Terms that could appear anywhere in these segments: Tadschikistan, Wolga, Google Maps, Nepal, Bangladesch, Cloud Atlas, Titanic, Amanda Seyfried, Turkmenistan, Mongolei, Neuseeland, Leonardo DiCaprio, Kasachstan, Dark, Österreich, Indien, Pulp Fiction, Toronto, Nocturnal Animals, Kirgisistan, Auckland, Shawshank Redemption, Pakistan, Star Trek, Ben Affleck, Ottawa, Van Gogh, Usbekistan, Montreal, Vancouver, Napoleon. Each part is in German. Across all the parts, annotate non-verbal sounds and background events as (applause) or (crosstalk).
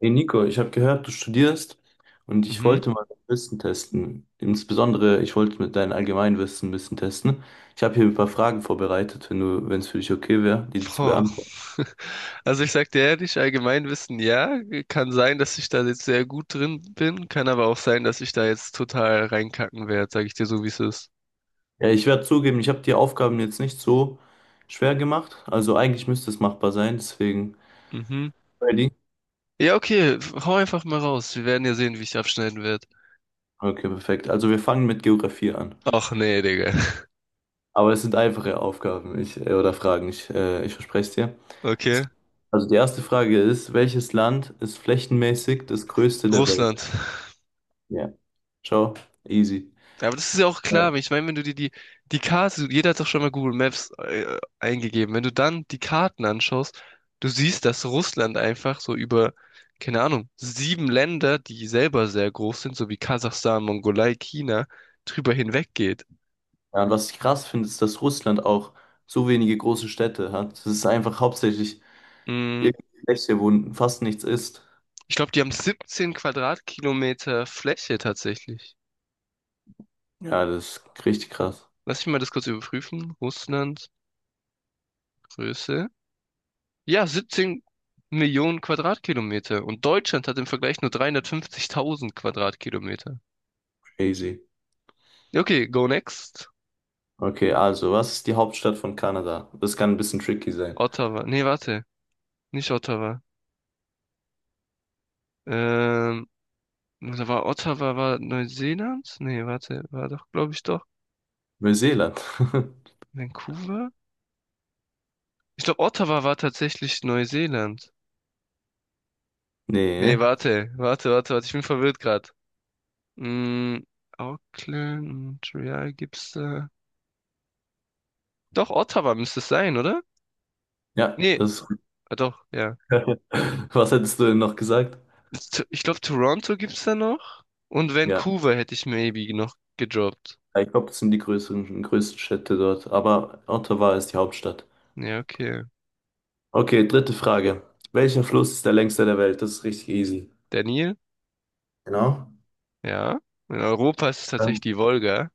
Hey Nico, ich habe gehört, du studierst und ich Mhm. wollte mal dein Wissen testen. Insbesondere, ich wollte mit deinem Allgemeinwissen ein bisschen testen. Ich habe hier ein paar Fragen vorbereitet, wenn es für dich okay wäre, die zu Boah. beantworten. (laughs) Also ich sag dir ehrlich, Allgemeinwissen, ja, kann sein, dass ich da jetzt sehr gut drin bin, kann aber auch sein, dass ich da jetzt total reinkacken werde, sag ich dir so, wie es ist. Ja, ich werde zugeben, ich habe die Aufgaben jetzt nicht so schwer gemacht. Also eigentlich müsste es machbar sein, deswegen. Mhm. Ready? Ja, okay, hau einfach mal raus. Wir werden ja sehen, wie ich abschneiden werde. Okay, perfekt. Also wir fangen mit Geografie an. Ach nee, Digga. (laughs) Aber es sind einfache Aufgaben, oder Fragen, ich verspreche es dir. Okay. Also die erste Frage ist, welches Land ist flächenmäßig das größte der Welt? Russland. Ja. Ciao. Easy. Ja, aber das ist ja auch Ja. klar. Ich meine, wenn du dir die, die Karte, jeder hat doch schon mal Google Maps eingegeben. Wenn du dann die Karten anschaust, du siehst, dass Russland einfach so über, keine Ahnung, sieben Länder, die selber sehr groß sind, so wie Kasachstan, Mongolei, China, drüber hinweggeht. Ja, und was ich krass finde, ist, dass Russland auch so wenige große Städte hat. Es ist einfach hauptsächlich Mm, irgendein Fläche, wo fast nichts ist. Ich glaube, die haben 17 Quadratkilometer Fläche tatsächlich. Ja, das ist richtig krass. Lass mich mal das kurz überprüfen. Russland, Größe. Ja, 17 Millionen Quadratkilometer. Und Deutschland hat im Vergleich nur 350.000 Quadratkilometer. Crazy. Ja, okay, go next. Okay, also, was ist die Hauptstadt von Kanada? Das kann ein bisschen tricky sein. Ottawa. Nee, warte. Nicht Ottawa. Ähm, Da war Ottawa war Neuseeland? Nee, warte. War doch, glaube ich, doch. Neuseeland. (laughs) Vancouver? Ich glaube, Ottawa war tatsächlich Neuseeland. Nee, Nee. warte. Warte, warte, warte. Ich bin verwirrt gerade. Mm. Auckland, Montreal gibt's da. Doch, Ottawa müsste es sein, oder? Ja, Nee, das. ah, doch, ja. (laughs) Was hättest du denn noch gesagt? Ich glaube, Toronto gibt's da noch. Und Ja, Vancouver hätte ich maybe noch gedroppt. ich glaube, das sind größten Städte dort. Aber Ottawa ist die Hauptstadt. Ja, okay. Okay, dritte Frage. Welcher Fluss ist der längste der Welt? Das ist richtig easy. Daniel? Genau. Ja. In Europa ist es tatsächlich Ähm, die Wolga.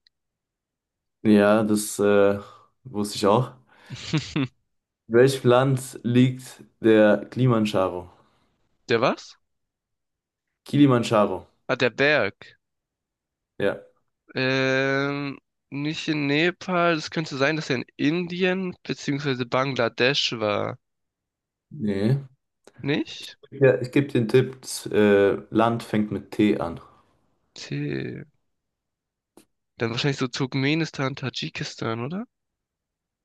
Ja, das wusste ich auch. (laughs) In welchem Land liegt der Kilimanjaro? Der was? Kilimanjaro. Ah, der Berg. Ja. Ähm, Nicht in Nepal. Es könnte sein, dass er in Indien beziehungsweise Bangladesch war. Nee. Nicht? Ich gebe den Tipp, das Land fängt mit T an. Tee. Dann wahrscheinlich so Turkmenistan, Tadschikistan, oder?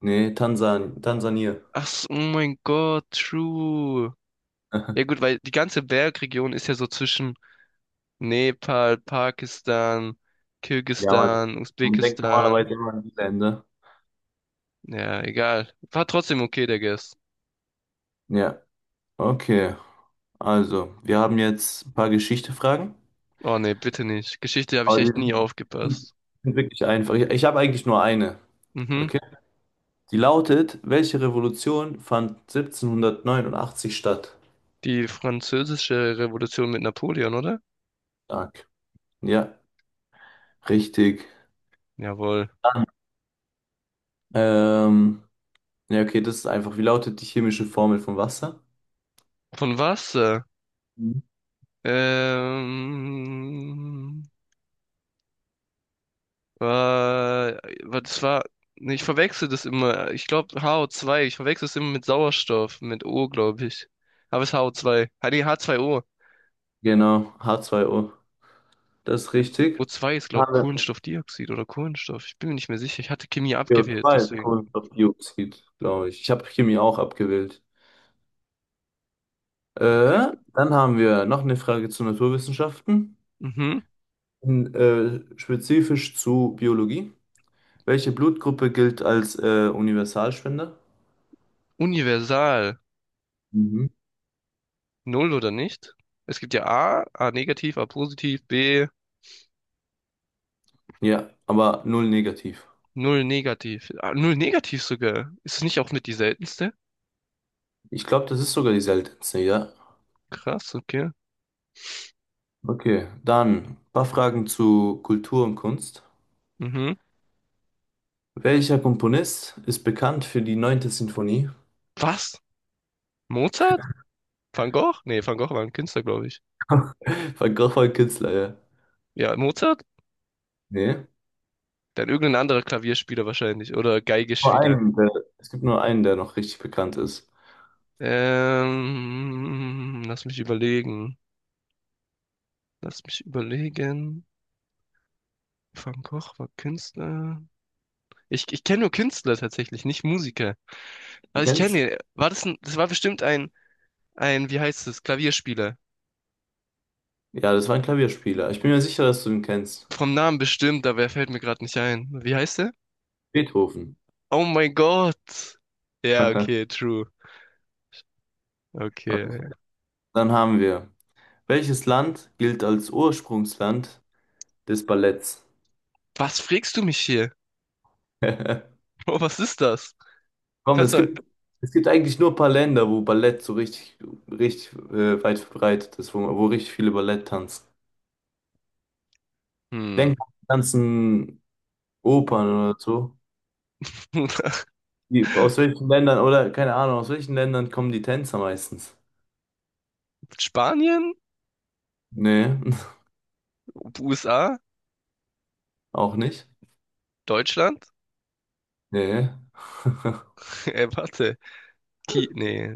Nee, Tansania. Ach, so, oh mein Gott, true. Ja (laughs) gut, weil die ganze Bergregion ist ja so zwischen Nepal, Pakistan, Ja, Mann. Kirgisistan, Man denkt Usbekistan. normalerweise immer an die Länder. Ja, egal. War trotzdem okay, der Guess. Ja, okay. Also, wir haben jetzt ein paar Geschichte-Fragen. Oh nee, bitte nicht. Geschichte habe ich Aber die echt nie sind aufgepasst. sind wirklich einfach. Ich habe eigentlich nur eine. Mhm. Okay? Die lautet, welche Revolution fand 1789 statt? Die französische Revolution mit Napoleon, oder? Stark. Ja, richtig. Jawohl. Dann, ähm, ja, okay, das ist einfach. Wie lautet die chemische Formel von Wasser? Von was? Mhm. Ähm, Das war, nee, ich verwechsel das immer. Ich glaube HO2. Ich verwechsel es immer mit Sauerstoff, mit O, glaube ich. Aber es ist HO2. Ah, nee, H2O. Genau, H2O. Das ist richtig. O zwei ist, glaube Haben ich, wir Kohlenstoffdioxid oder Kohlenstoff. Ich bin mir nicht mehr sicher. Ich hatte Chemie C o abgewählt, 2 deswegen. Kohlenstoffdioxid, glaube ich. Ich habe Chemie auch abgewählt. Okay. Dann haben wir noch eine Frage zu Naturwissenschaften, Mhm. Spezifisch zu Biologie. Welche Blutgruppe gilt als Universalspender? Universal. Mhm. Null oder nicht? Es gibt ja A, A negativ, A positiv, B, Ja, aber null negativ. null negativ. Ah, null negativ sogar. Ist es nicht auch mit die seltenste? Ich glaube, das ist sogar die seltenste, ja. Krass, okay. Okay, dann ein paar Fragen zu Kultur und Kunst. Mhm. Welcher Komponist ist bekannt für die neunte Sinfonie? Was? Mozart? Van Gogh? Nee, Van Gogh war ein Künstler, glaube ich. (laughs) Van Gogh war ein Künstler, ja. Ja, Mozart? Nee. Dann irgendein anderer Klavierspieler wahrscheinlich. Oder Nur Geigespieler. einen, der, es gibt nur einen, der noch richtig bekannt ist. Lass mich überlegen. Lass mich überlegen. Van Gogh war Künstler. Ich kenne nur Künstler tatsächlich, nicht Musiker. Du Aber ich kennst ihn? kenne ihn. War das ein, das war bestimmt ein, wie heißt es, Klavierspieler. Ja, das war ein Klavierspieler. Ich bin mir sicher, dass du ihn kennst. Vom Namen bestimmt, aber er fällt mir gerade nicht ein. Wie heißt er? Beethoven. Oh mein Gott. Ja, okay, (laughs) true. Okay. Okay. Dann haben wir. Welches Land gilt als Ursprungsland des Balletts? Was frägst du mich hier? (laughs) (laughs) Oh, was ist das? Komm, Kannst es du. gibt, es gibt eigentlich nur ein paar Länder, wo Ballett so richtig, richtig weit verbreitet ist, wo richtig viele Ballett tanzen. Hm. Denk an die ganzen Opern oder so. Aus (laughs) welchen Ländern, oder keine Ahnung, aus welchen Ländern kommen die Tänzer meistens? Spanien? Nee, USA? (laughs) auch nicht. Deutschland? Nee. (laughs) (laughs) Warte. Ki nee.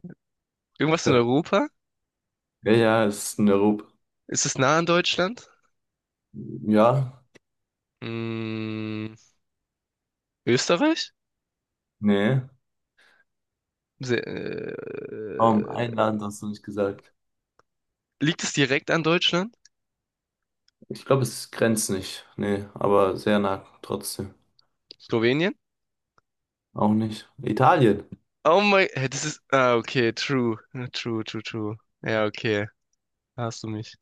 Irgendwas in Europa? Ja, ja, es ist in Europa. Ist es nah an Deutschland? Ja, Mm, Österreich? nee. Se Kaum ein Land hast du nicht gesagt. Liegt es direkt an Deutschland? Ich glaube, es grenzt nicht. Nee, aber sehr nah trotzdem. Slowenien? Auch nicht. Italien. Oh mein, hä, das ist, ah, okay, true. Ja, true, true, true. Ja, okay, da hast du mich.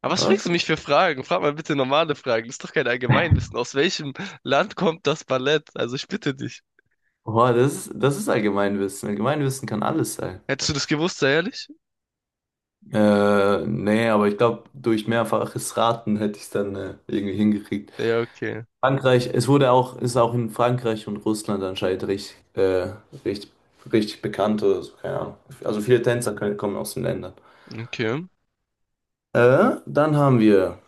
Aber was fragst du Okay. mich für Fragen? Frag mal bitte normale Fragen. Das ist doch kein Allgemeinwissen. Aus welchem Land kommt das Ballett? Also ich bitte dich. Boah, das ist Allgemeinwissen. Allgemeinwissen kann alles sein. Hättest du das gewusst, sei ehrlich? Nee, aber ich glaube, durch mehrfaches Raten hätte ich es dann irgendwie hingekriegt. Ja, okay, Frankreich, ist auch in Frankreich und Russland anscheinend richtig, richtig, richtig bekannt oder so, keine Ahnung. Also kommen aus den Ländern. okay. Dann haben wir,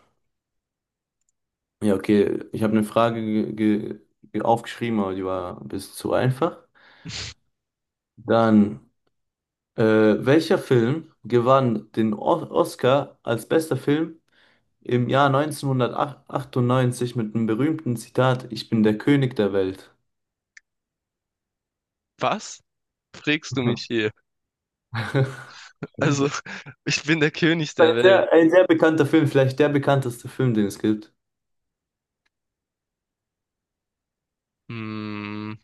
ja, okay, ich habe eine Frage aufgeschrieben, aber die war ein bisschen zu einfach. Dann, welcher Film gewann den o Oscar als bester Film? Im Jahr 1998 mit einem berühmten Zitat, Ich bin der König der Welt. Was fragst du mich hier? (laughs) Also, (laughs) ich bin der König der Welt. Ein sehr bekannter Film, vielleicht der bekannteste Film, den es gibt. Hm,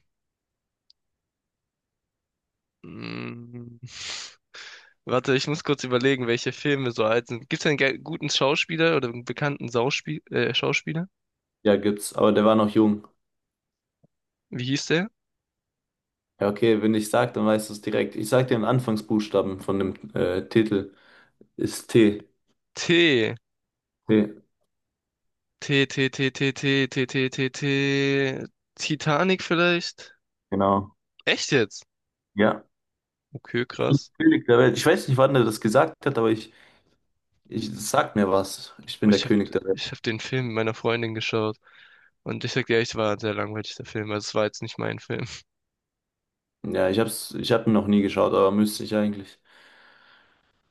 hm. Warte, ich muss kurz überlegen, welche Filme so alt sind. Gibt's einen guten Schauspieler oder einen bekannten Sauspie Schauspieler? Ja, gibt's, aber der war noch jung. Wie hieß der? Ja, okay, wenn ich sag, dann weißt du es direkt. Ich sag dir den Anfangsbuchstaben von dem Titel. Ist T. T. T. T, T, T, T, T, T, T, T, T. Titanic vielleicht? Genau. Echt jetzt? Ja. Okay, Ich bin der krass. König der Welt. Ich weiß nicht, wann er das gesagt hat, ich das sagt mir was. Ich Aber bin der Ich hab, König der Welt. ich hab den Film mit meiner Freundin geschaut. Und ich sag dir, echt, war ein sehr langweilig, der Film. Also es war jetzt nicht mein Film. Ja, ich hab ihn noch nie geschaut, aber müsste ich eigentlich.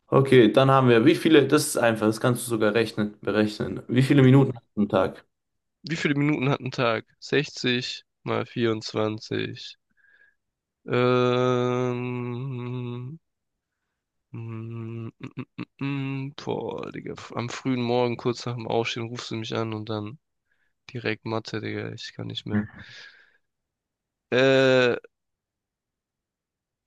Okay, dann haben wir, das ist einfach, das kannst du berechnen. Wie viele Minuten hast du am Tag? (laughs) Wie viele Minuten hat ein Tag? 60 mal 24. Ähm, mm. Boah, Digga. Am frühen Morgen, kurz nach dem Aufstehen, rufst du mich an und dann direkt Mathe, Digga. Ich kann nicht mehr. Äh,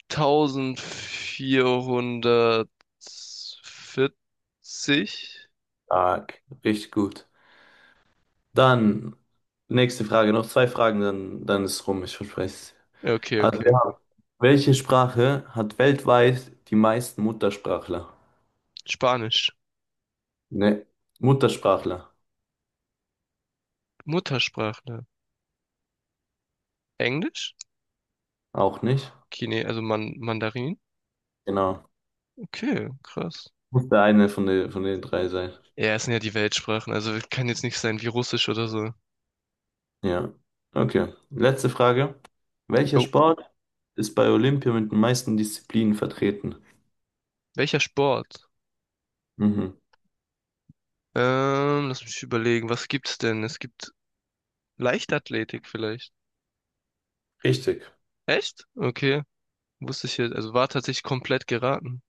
1440? Tag, richtig gut. Dann, nächste Frage, noch zwei Fragen, dann ist rum, ich verspreche es. Ja, okay, Also, wir okay. haben, welche Sprache hat weltweit die meisten Muttersprachler? Spanisch. Ne, Muttersprachler, Muttersprachler. Englisch? auch nicht? Chine, also Man Mandarin? Genau. Okay, krass. Muss der eine von den drei sein. Ja, es sind ja die Weltsprachen, also kann jetzt nicht sein wie Russisch oder so. Ja, okay. Letzte Frage. Welcher Jo. Sport ist bei Olympia mit den meisten Disziplinen vertreten? Welcher Sport? Mhm. Lass mich überlegen, was gibt's denn? Es gibt Leichtathletik vielleicht. Richtig. Echt? Okay. Wusste ich jetzt. Also war tatsächlich komplett geraten.